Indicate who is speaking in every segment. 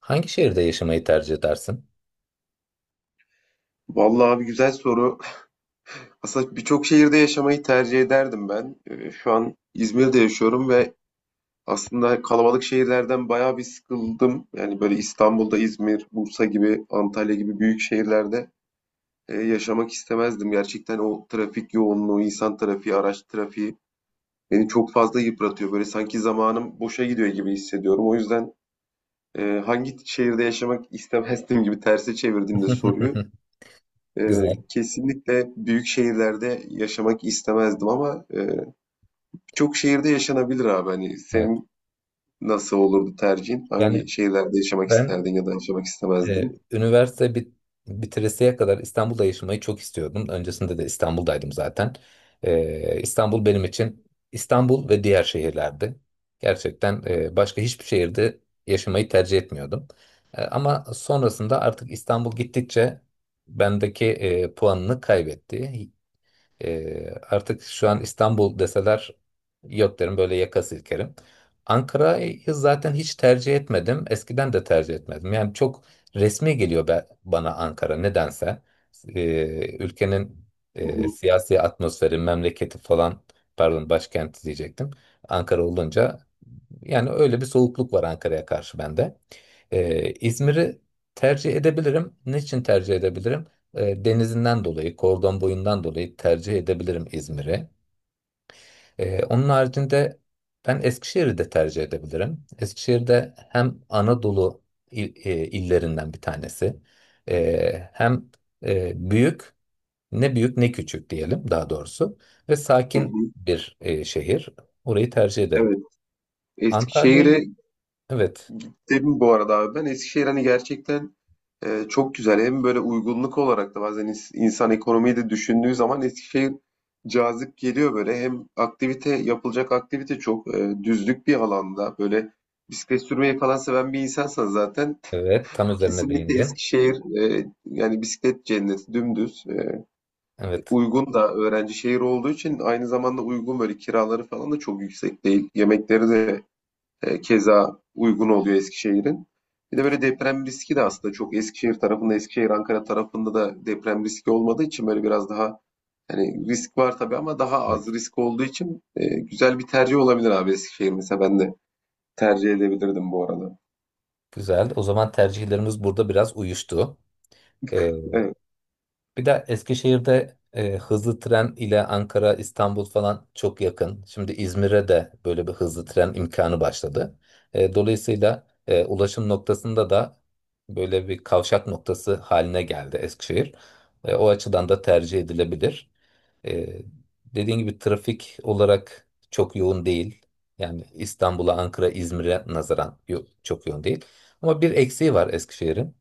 Speaker 1: Hangi şehirde yaşamayı tercih edersin?
Speaker 2: Vallahi abi, güzel soru. Aslında birçok şehirde yaşamayı tercih ederdim ben. Şu an İzmir'de yaşıyorum ve aslında kalabalık şehirlerden bayağı bir sıkıldım. Yani böyle İstanbul'da, İzmir, Bursa gibi, Antalya gibi büyük şehirlerde yaşamak istemezdim. Gerçekten o trafik yoğunluğu, insan trafiği, araç trafiği beni çok fazla yıpratıyor. Böyle sanki zamanım boşa gidiyor gibi hissediyorum. O yüzden hangi şehirde yaşamak istemezdim gibi terse çevirdiğimde soruyu. E,
Speaker 1: Güzel.
Speaker 2: Kesinlikle büyük şehirlerde yaşamak istemezdim ama birçok şehirde yaşanabilir abi. Hani
Speaker 1: Evet.
Speaker 2: senin nasıl olurdu tercihin?
Speaker 1: Yani
Speaker 2: Hangi şehirlerde yaşamak
Speaker 1: ben
Speaker 2: isterdin ya da yaşamak istemezdin?
Speaker 1: üniversite bitiresiye kadar İstanbul'da yaşamayı çok istiyordum. Öncesinde de İstanbul'daydım zaten. İstanbul benim için İstanbul ve diğer şehirlerdi. Gerçekten başka hiçbir şehirde yaşamayı tercih etmiyordum. Ama sonrasında artık İstanbul gittikçe bendeki puanını kaybetti. Artık şu an İstanbul deseler yok derim, böyle yaka silkerim. Ankara'yı zaten hiç tercih etmedim. Eskiden de tercih etmedim. Yani çok resmi geliyor bana Ankara, nedense. Ülkenin
Speaker 2: Hı hı,
Speaker 1: siyasi atmosferi, memleketi falan, pardon, başkenti diyecektim. Ankara olunca, yani, öyle bir soğukluk var Ankara'ya karşı bende. İzmir'i tercih edebilirim. Niçin tercih edebilirim? Denizinden dolayı, kordon boyundan dolayı tercih edebilirim İzmir'i. Onun haricinde ben Eskişehir'i de tercih edebilirim. Eskişehir'de hem Anadolu illerinden bir tanesi, hem büyük, ne büyük ne küçük diyelim daha doğrusu, ve
Speaker 2: hı
Speaker 1: sakin
Speaker 2: hı.
Speaker 1: bir şehir. Orayı tercih ederim.
Speaker 2: Evet.
Speaker 1: Antalya'yı,
Speaker 2: Eskişehir'e
Speaker 1: evet.
Speaker 2: dedim bu arada abi, ben Eskişehir hani gerçekten çok güzel. Hem böyle uygunluk olarak da bazen insan ekonomiyi de düşündüğü zaman Eskişehir cazip geliyor böyle. Hem aktivite, yapılacak aktivite çok, düzlük bir alanda böyle bisiklet sürmeyi falan seven bir insansan zaten
Speaker 1: Evet, tam üzerine
Speaker 2: kesinlikle
Speaker 1: değindin.
Speaker 2: Eskişehir, yani bisiklet cenneti dümdüz.
Speaker 1: Evet,
Speaker 2: Uygun da, öğrenci şehir olduğu için aynı zamanda uygun, böyle kiraları falan da çok yüksek değil. Yemekleri de keza uygun oluyor Eskişehir'in. Bir de böyle deprem riski de aslında çok Eskişehir tarafında, Eskişehir Ankara tarafında da deprem riski olmadığı için böyle biraz daha, hani risk var tabii ama daha az
Speaker 1: evet.
Speaker 2: risk olduğu için güzel bir tercih olabilir abi Eskişehir, mesela ben de tercih edebilirdim bu arada.
Speaker 1: Güzel. O zaman tercihlerimiz burada biraz uyuştu. Ee,
Speaker 2: Evet.
Speaker 1: bir de Eskişehir'de hızlı tren ile Ankara, İstanbul falan çok yakın. Şimdi İzmir'e de böyle bir hızlı tren imkanı başladı. Dolayısıyla ulaşım noktasında da böyle bir kavşak noktası haline geldi Eskişehir. O açıdan da tercih edilebilir. Ee, dediğin gibi trafik olarak çok yoğun değil. Yani İstanbul'a, Ankara, İzmir'e nazaran çok yoğun değil. Ama bir eksiği var Eskişehir'in.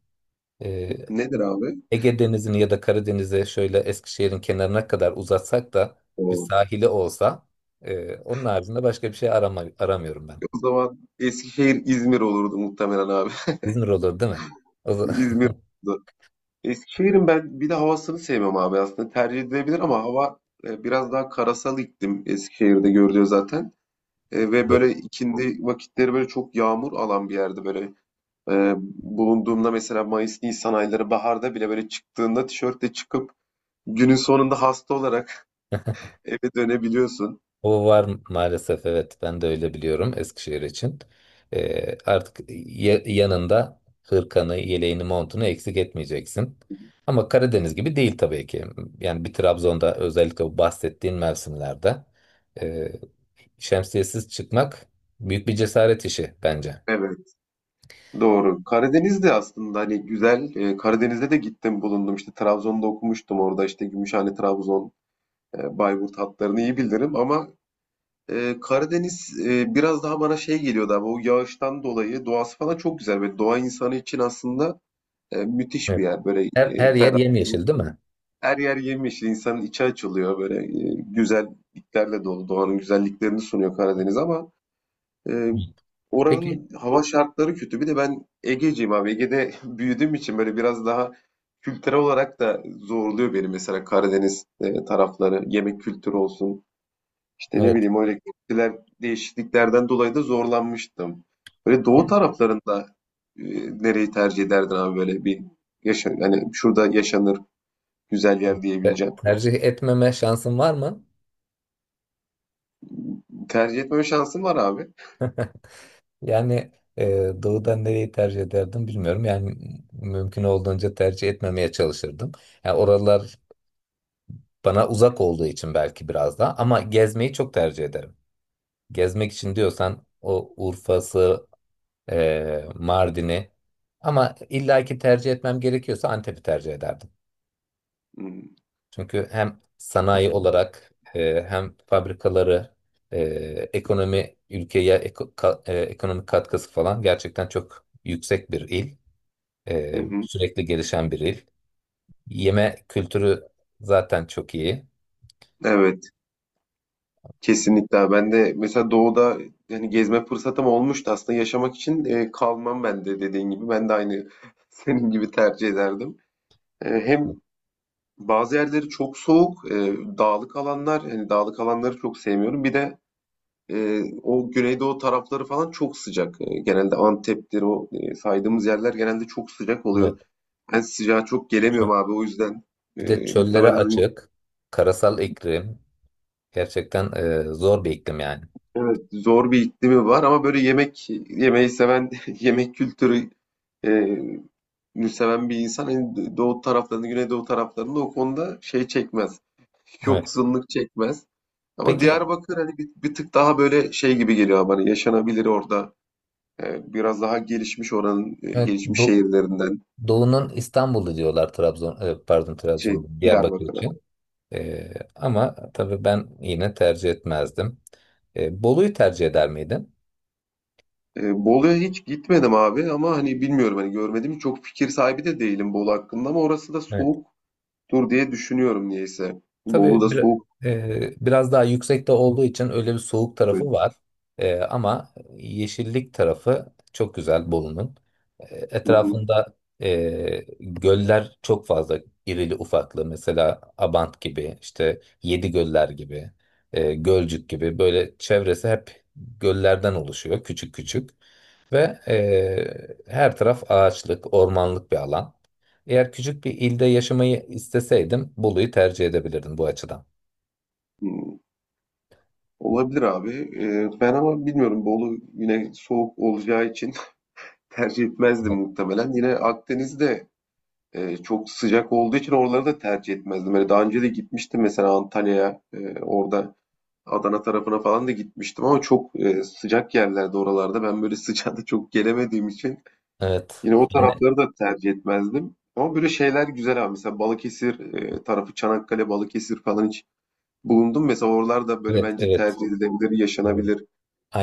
Speaker 1: Ee,
Speaker 2: Nedir abi?
Speaker 1: Ege Denizi'ni ya da Karadeniz'e şöyle Eskişehir'in kenarına kadar uzatsak da bir
Speaker 2: O,
Speaker 1: sahili olsa, onun haricinde başka bir şey aramıyorum ben.
Speaker 2: o zaman Eskişehir İzmir olurdu muhtemelen abi.
Speaker 1: İzmir olur değil mi? O zaman-
Speaker 2: İzmir olurdu. Eskişehir'in ben bir de havasını sevmem abi, aslında tercih edilebilir ama hava biraz daha karasal iklim Eskişehir'de görülüyor zaten. Ve böyle ikindi vakitleri, böyle çok yağmur alan bir yerde böyle e, bulunduğumda, mesela Mayıs, Nisan ayları, baharda bile böyle çıktığında tişörtle çıkıp günün sonunda hasta olarak eve dönebiliyorsun.
Speaker 1: O var maalesef, evet, ben de öyle biliyorum Eskişehir için. Artık yanında hırkanı, yeleğini, montunu eksik etmeyeceksin. Ama Karadeniz gibi değil tabii ki. Yani bir Trabzon'da özellikle bu bahsettiğin mevsimlerde e, şemsiyesiz çıkmak büyük bir cesaret işi bence.
Speaker 2: Evet, doğru. Karadeniz'de aslında hani güzel. Karadeniz'de de gittim, bulundum. İşte Trabzon'da okumuştum, orada işte Gümüşhane, Trabzon, Bayburt hatlarını iyi bilirim ama Karadeniz biraz daha bana şey geliyordu abi, o yağıştan dolayı. Doğası falan çok güzel ve doğa insanı için aslında müthiş bir
Speaker 1: Evet.
Speaker 2: yer. Böyle
Speaker 1: Her, her yer
Speaker 2: ferah.
Speaker 1: yemyeşil değil mi?
Speaker 2: Her yer yemyeşil. İnsanın içi açılıyor. Böyle güzelliklerle dolu. Doğanın güzelliklerini sunuyor Karadeniz ama e,
Speaker 1: Hı. Peki.
Speaker 2: oranın hava şartları kötü. Bir de ben Ege'ciyim abi. Ege'de büyüdüğüm için böyle biraz daha kültürel olarak da zorluyor beni mesela Karadeniz tarafları. Yemek kültürü olsun. İşte ne
Speaker 1: Evet.
Speaker 2: bileyim, o elektrikler, değişikliklerden dolayı da zorlanmıştım. Böyle doğu taraflarında e, nereyi tercih ederdin abi, böyle bir yaşa, yani şurada yaşanır, güzel yer diyebileceğim.
Speaker 1: Tercih etmeme şansın var mı?
Speaker 2: Tercih etme şansın var abi.
Speaker 1: Yani doğudan nereyi tercih ederdim bilmiyorum. Yani mümkün olduğunca tercih etmemeye çalışırdım. Yani oralar bana uzak olduğu için belki biraz daha, ama gezmeyi çok tercih ederim. Gezmek için diyorsan o Urfa'sı, Mardin'i, ama illaki tercih etmem gerekiyorsa Antep'i tercih ederdim.
Speaker 2: Hmm.
Speaker 1: Çünkü hem sanayi olarak, hem fabrikaları, e, ekonomi, ülkeye ekonomik katkısı falan gerçekten çok yüksek bir il.
Speaker 2: Hı
Speaker 1: Ee,
Speaker 2: hı.
Speaker 1: sürekli gelişen bir il. Yeme kültürü zaten çok iyi.
Speaker 2: Evet, kesinlikle abi. Ben de mesela doğuda yani gezme fırsatım olmuştu, aslında yaşamak için kalmam ben de, dediğin gibi. Ben de aynı senin gibi tercih ederdim. Hem bazı yerleri çok soğuk, dağlık alanlar, yani dağlık alanları çok sevmiyorum. Bir de o Güneydoğu tarafları falan çok sıcak. Genelde Antep'tir, o saydığımız yerler genelde çok sıcak
Speaker 1: Evet.
Speaker 2: oluyor. Ben sıcağa çok gelemiyorum
Speaker 1: Çö-
Speaker 2: abi, o yüzden
Speaker 1: Bir de çöllere
Speaker 2: muhtemelen.
Speaker 1: açık, karasal iklim. Gerçekten zor bir iklim yani.
Speaker 2: Evet, zor bir iklimi var ama böyle yemek yemeyi seven, yemek kültürü e, nü seven bir insan, hani doğu taraflarında, Güneydoğu taraflarında o konuda şey çekmez.
Speaker 1: Evet.
Speaker 2: Yoksunluk çekmez. Ama
Speaker 1: Peki,
Speaker 2: Diyarbakır hani bir tık daha böyle şey gibi geliyor bana, yaşanabilir orada. Biraz daha gelişmiş, oranın
Speaker 1: evet,
Speaker 2: gelişmiş şehirlerinden
Speaker 1: Doğu'nun İstanbul'u diyorlar Trabzon, pardon,
Speaker 2: şey
Speaker 1: Trabzon, Diyarbakır
Speaker 2: Diyarbakır'a.
Speaker 1: için. Ama tabii ben yine tercih etmezdim. Bolu'yu tercih eder miydin?
Speaker 2: Bolu'ya hiç gitmedim abi, ama hani bilmiyorum, hani görmedim, çok fikir sahibi de değilim Bolu hakkında ama orası da
Speaker 1: Evet.
Speaker 2: soğuktur diye düşünüyorum niyeyse. Bolu
Speaker 1: Tabii
Speaker 2: da soğuk,
Speaker 1: biraz daha yüksekte olduğu için öyle bir soğuk
Speaker 2: evet.
Speaker 1: tarafı var. Ama yeşillik tarafı çok güzel Bolu'nun. E,
Speaker 2: Hı hı.
Speaker 1: etrafında göller çok fazla, irili ufaklı. Mesela Abant gibi, işte Yedi Göller gibi, Gölcük gibi, böyle çevresi hep göllerden oluşuyor, küçük küçük. Ve her taraf ağaçlık, ormanlık bir alan. Eğer küçük bir ilde yaşamayı isteseydim Bolu'yu tercih edebilirdim bu açıdan.
Speaker 2: Hı. Olabilir abi. Ben ama bilmiyorum, Bolu yine soğuk olacağı için tercih etmezdim
Speaker 1: Evet,
Speaker 2: muhtemelen. Yine Akdeniz'de çok sıcak olduğu için oraları da tercih etmezdim. Böyle daha önce de gitmiştim mesela Antalya'ya. Orada Adana tarafına falan da gitmiştim ama çok sıcak yerlerde, oralarda. Ben böyle sıcağa da çok gelemediğim için
Speaker 1: evet,
Speaker 2: yine o
Speaker 1: yani,
Speaker 2: tarafları da tercih etmezdim. Ama böyle şeyler güzel abi. Mesela Balıkesir tarafı, Çanakkale, Balıkesir falan hiç bulundum. Mesela oralarda böyle
Speaker 1: evet,
Speaker 2: bence
Speaker 1: evet.
Speaker 2: tercih edilebilir,
Speaker 1: Evet.
Speaker 2: yaşanabilir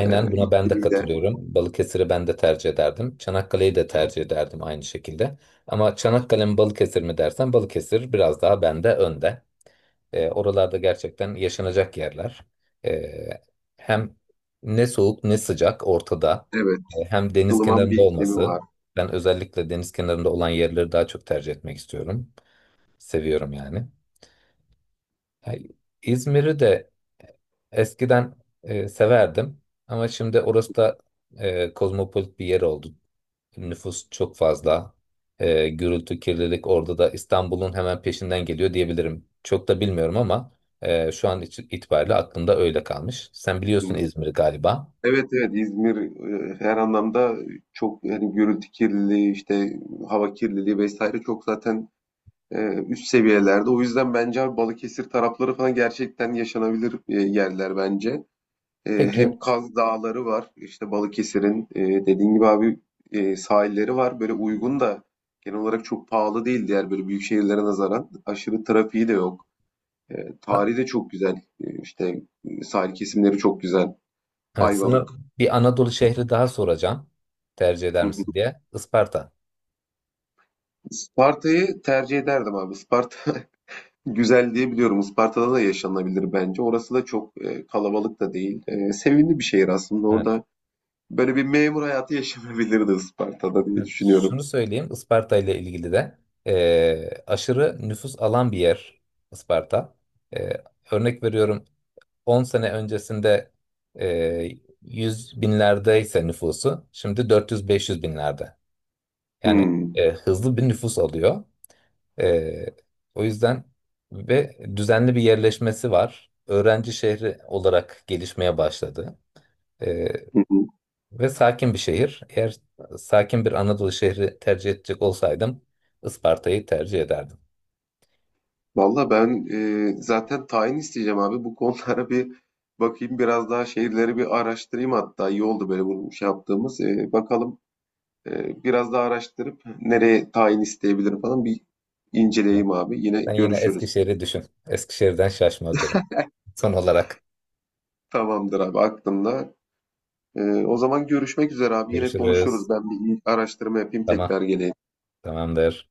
Speaker 1: buna ben de
Speaker 2: iklimiyle.
Speaker 1: katılıyorum. Balıkesir'i ben de tercih ederdim. Çanakkale'yi de tercih ederdim aynı şekilde. Ama Çanakkale mi Balıkesir mi dersen, Balıkesir biraz daha bende önde. Oralarda gerçekten yaşanacak yerler. E, hem ne soğuk ne sıcak, ortada.
Speaker 2: Evet,
Speaker 1: Hem deniz
Speaker 2: ılıman
Speaker 1: kenarında
Speaker 2: bir iklimi
Speaker 1: olması.
Speaker 2: var.
Speaker 1: Ben özellikle deniz kenarında olan yerleri daha çok tercih etmek istiyorum. Seviyorum yani. Ha, İzmir'i de eskiden severdim. Ama şimdi orası da kozmopolit bir yer oldu. Nüfus çok fazla. Gürültü, kirlilik orada da İstanbul'un hemen peşinden geliyor diyebilirim. Çok da bilmiyorum ama şu an için itibariyle aklımda öyle kalmış. Sen biliyorsun
Speaker 2: Hı.
Speaker 1: İzmir'i galiba.
Speaker 2: Evet, evet, İzmir her anlamda çok, yani gürültü kirliliği, işte hava kirliliği vesaire, çok zaten Ee, üst seviyelerde. O yüzden bence abi Balıkesir tarafları falan gerçekten yaşanabilir yerler bence.
Speaker 1: Peki.
Speaker 2: Hem Kaz Dağları var, işte Balıkesir'in dediğin gibi abi sahilleri var. Böyle uygun da, genel olarak çok pahalı değil diğer böyle büyük şehirlere nazaran. Aşırı trafiği de yok. Tarihi de çok güzel. İşte sahil kesimleri çok güzel.
Speaker 1: Evet, sana
Speaker 2: Ayvalık.
Speaker 1: bir Anadolu şehri daha soracağım. Tercih eder
Speaker 2: Spartayı
Speaker 1: misin diye. Isparta.
Speaker 2: tercih ederdim abi. Isparta. Güzel diye biliyorum. Isparta'da da yaşanabilir bence. Orası da çok kalabalık da değil. Sevimli bir şehir aslında.
Speaker 1: Evet,
Speaker 2: Orada böyle bir memur hayatı yaşanabilirdi Isparta'da diye
Speaker 1: evet.
Speaker 2: düşünüyorum.
Speaker 1: Şunu söyleyeyim. Isparta ile ilgili de aşırı nüfus alan bir yer Isparta. E, örnek veriyorum, on sene öncesinde e, 100 binlerdeyse nüfusu, şimdi 400-500 binlerde. Yani
Speaker 2: Hmm.
Speaker 1: hızlı bir nüfus alıyor. E, o yüzden ve düzenli bir yerleşmesi var. Öğrenci şehri olarak gelişmeye başladı. E,
Speaker 2: Hı hı.
Speaker 1: ve sakin bir şehir. Eğer sakin bir Anadolu şehri tercih edecek olsaydım, Isparta'yı tercih ederdim.
Speaker 2: Valla ben zaten tayin isteyeceğim abi. Bu konulara bir bakayım. Biraz daha şehirleri bir araştırayım hatta. İyi oldu böyle bunu şey yaptığımız. Bakalım, biraz daha araştırıp nereye tayin isteyebilirim falan bir
Speaker 1: Ama
Speaker 2: inceleyeyim abi. Yine
Speaker 1: sen yine
Speaker 2: görüşürüz.
Speaker 1: Eskişehir'i düşün. Eskişehir'den şaşma derim. Son olarak
Speaker 2: Tamamdır abi, aklımda. O zaman görüşmek üzere abi. Yine
Speaker 1: görüşürüz.
Speaker 2: konuşuruz. Ben bir araştırma yapayım,
Speaker 1: Tamam.
Speaker 2: tekrar geleyim.
Speaker 1: Tamamdır.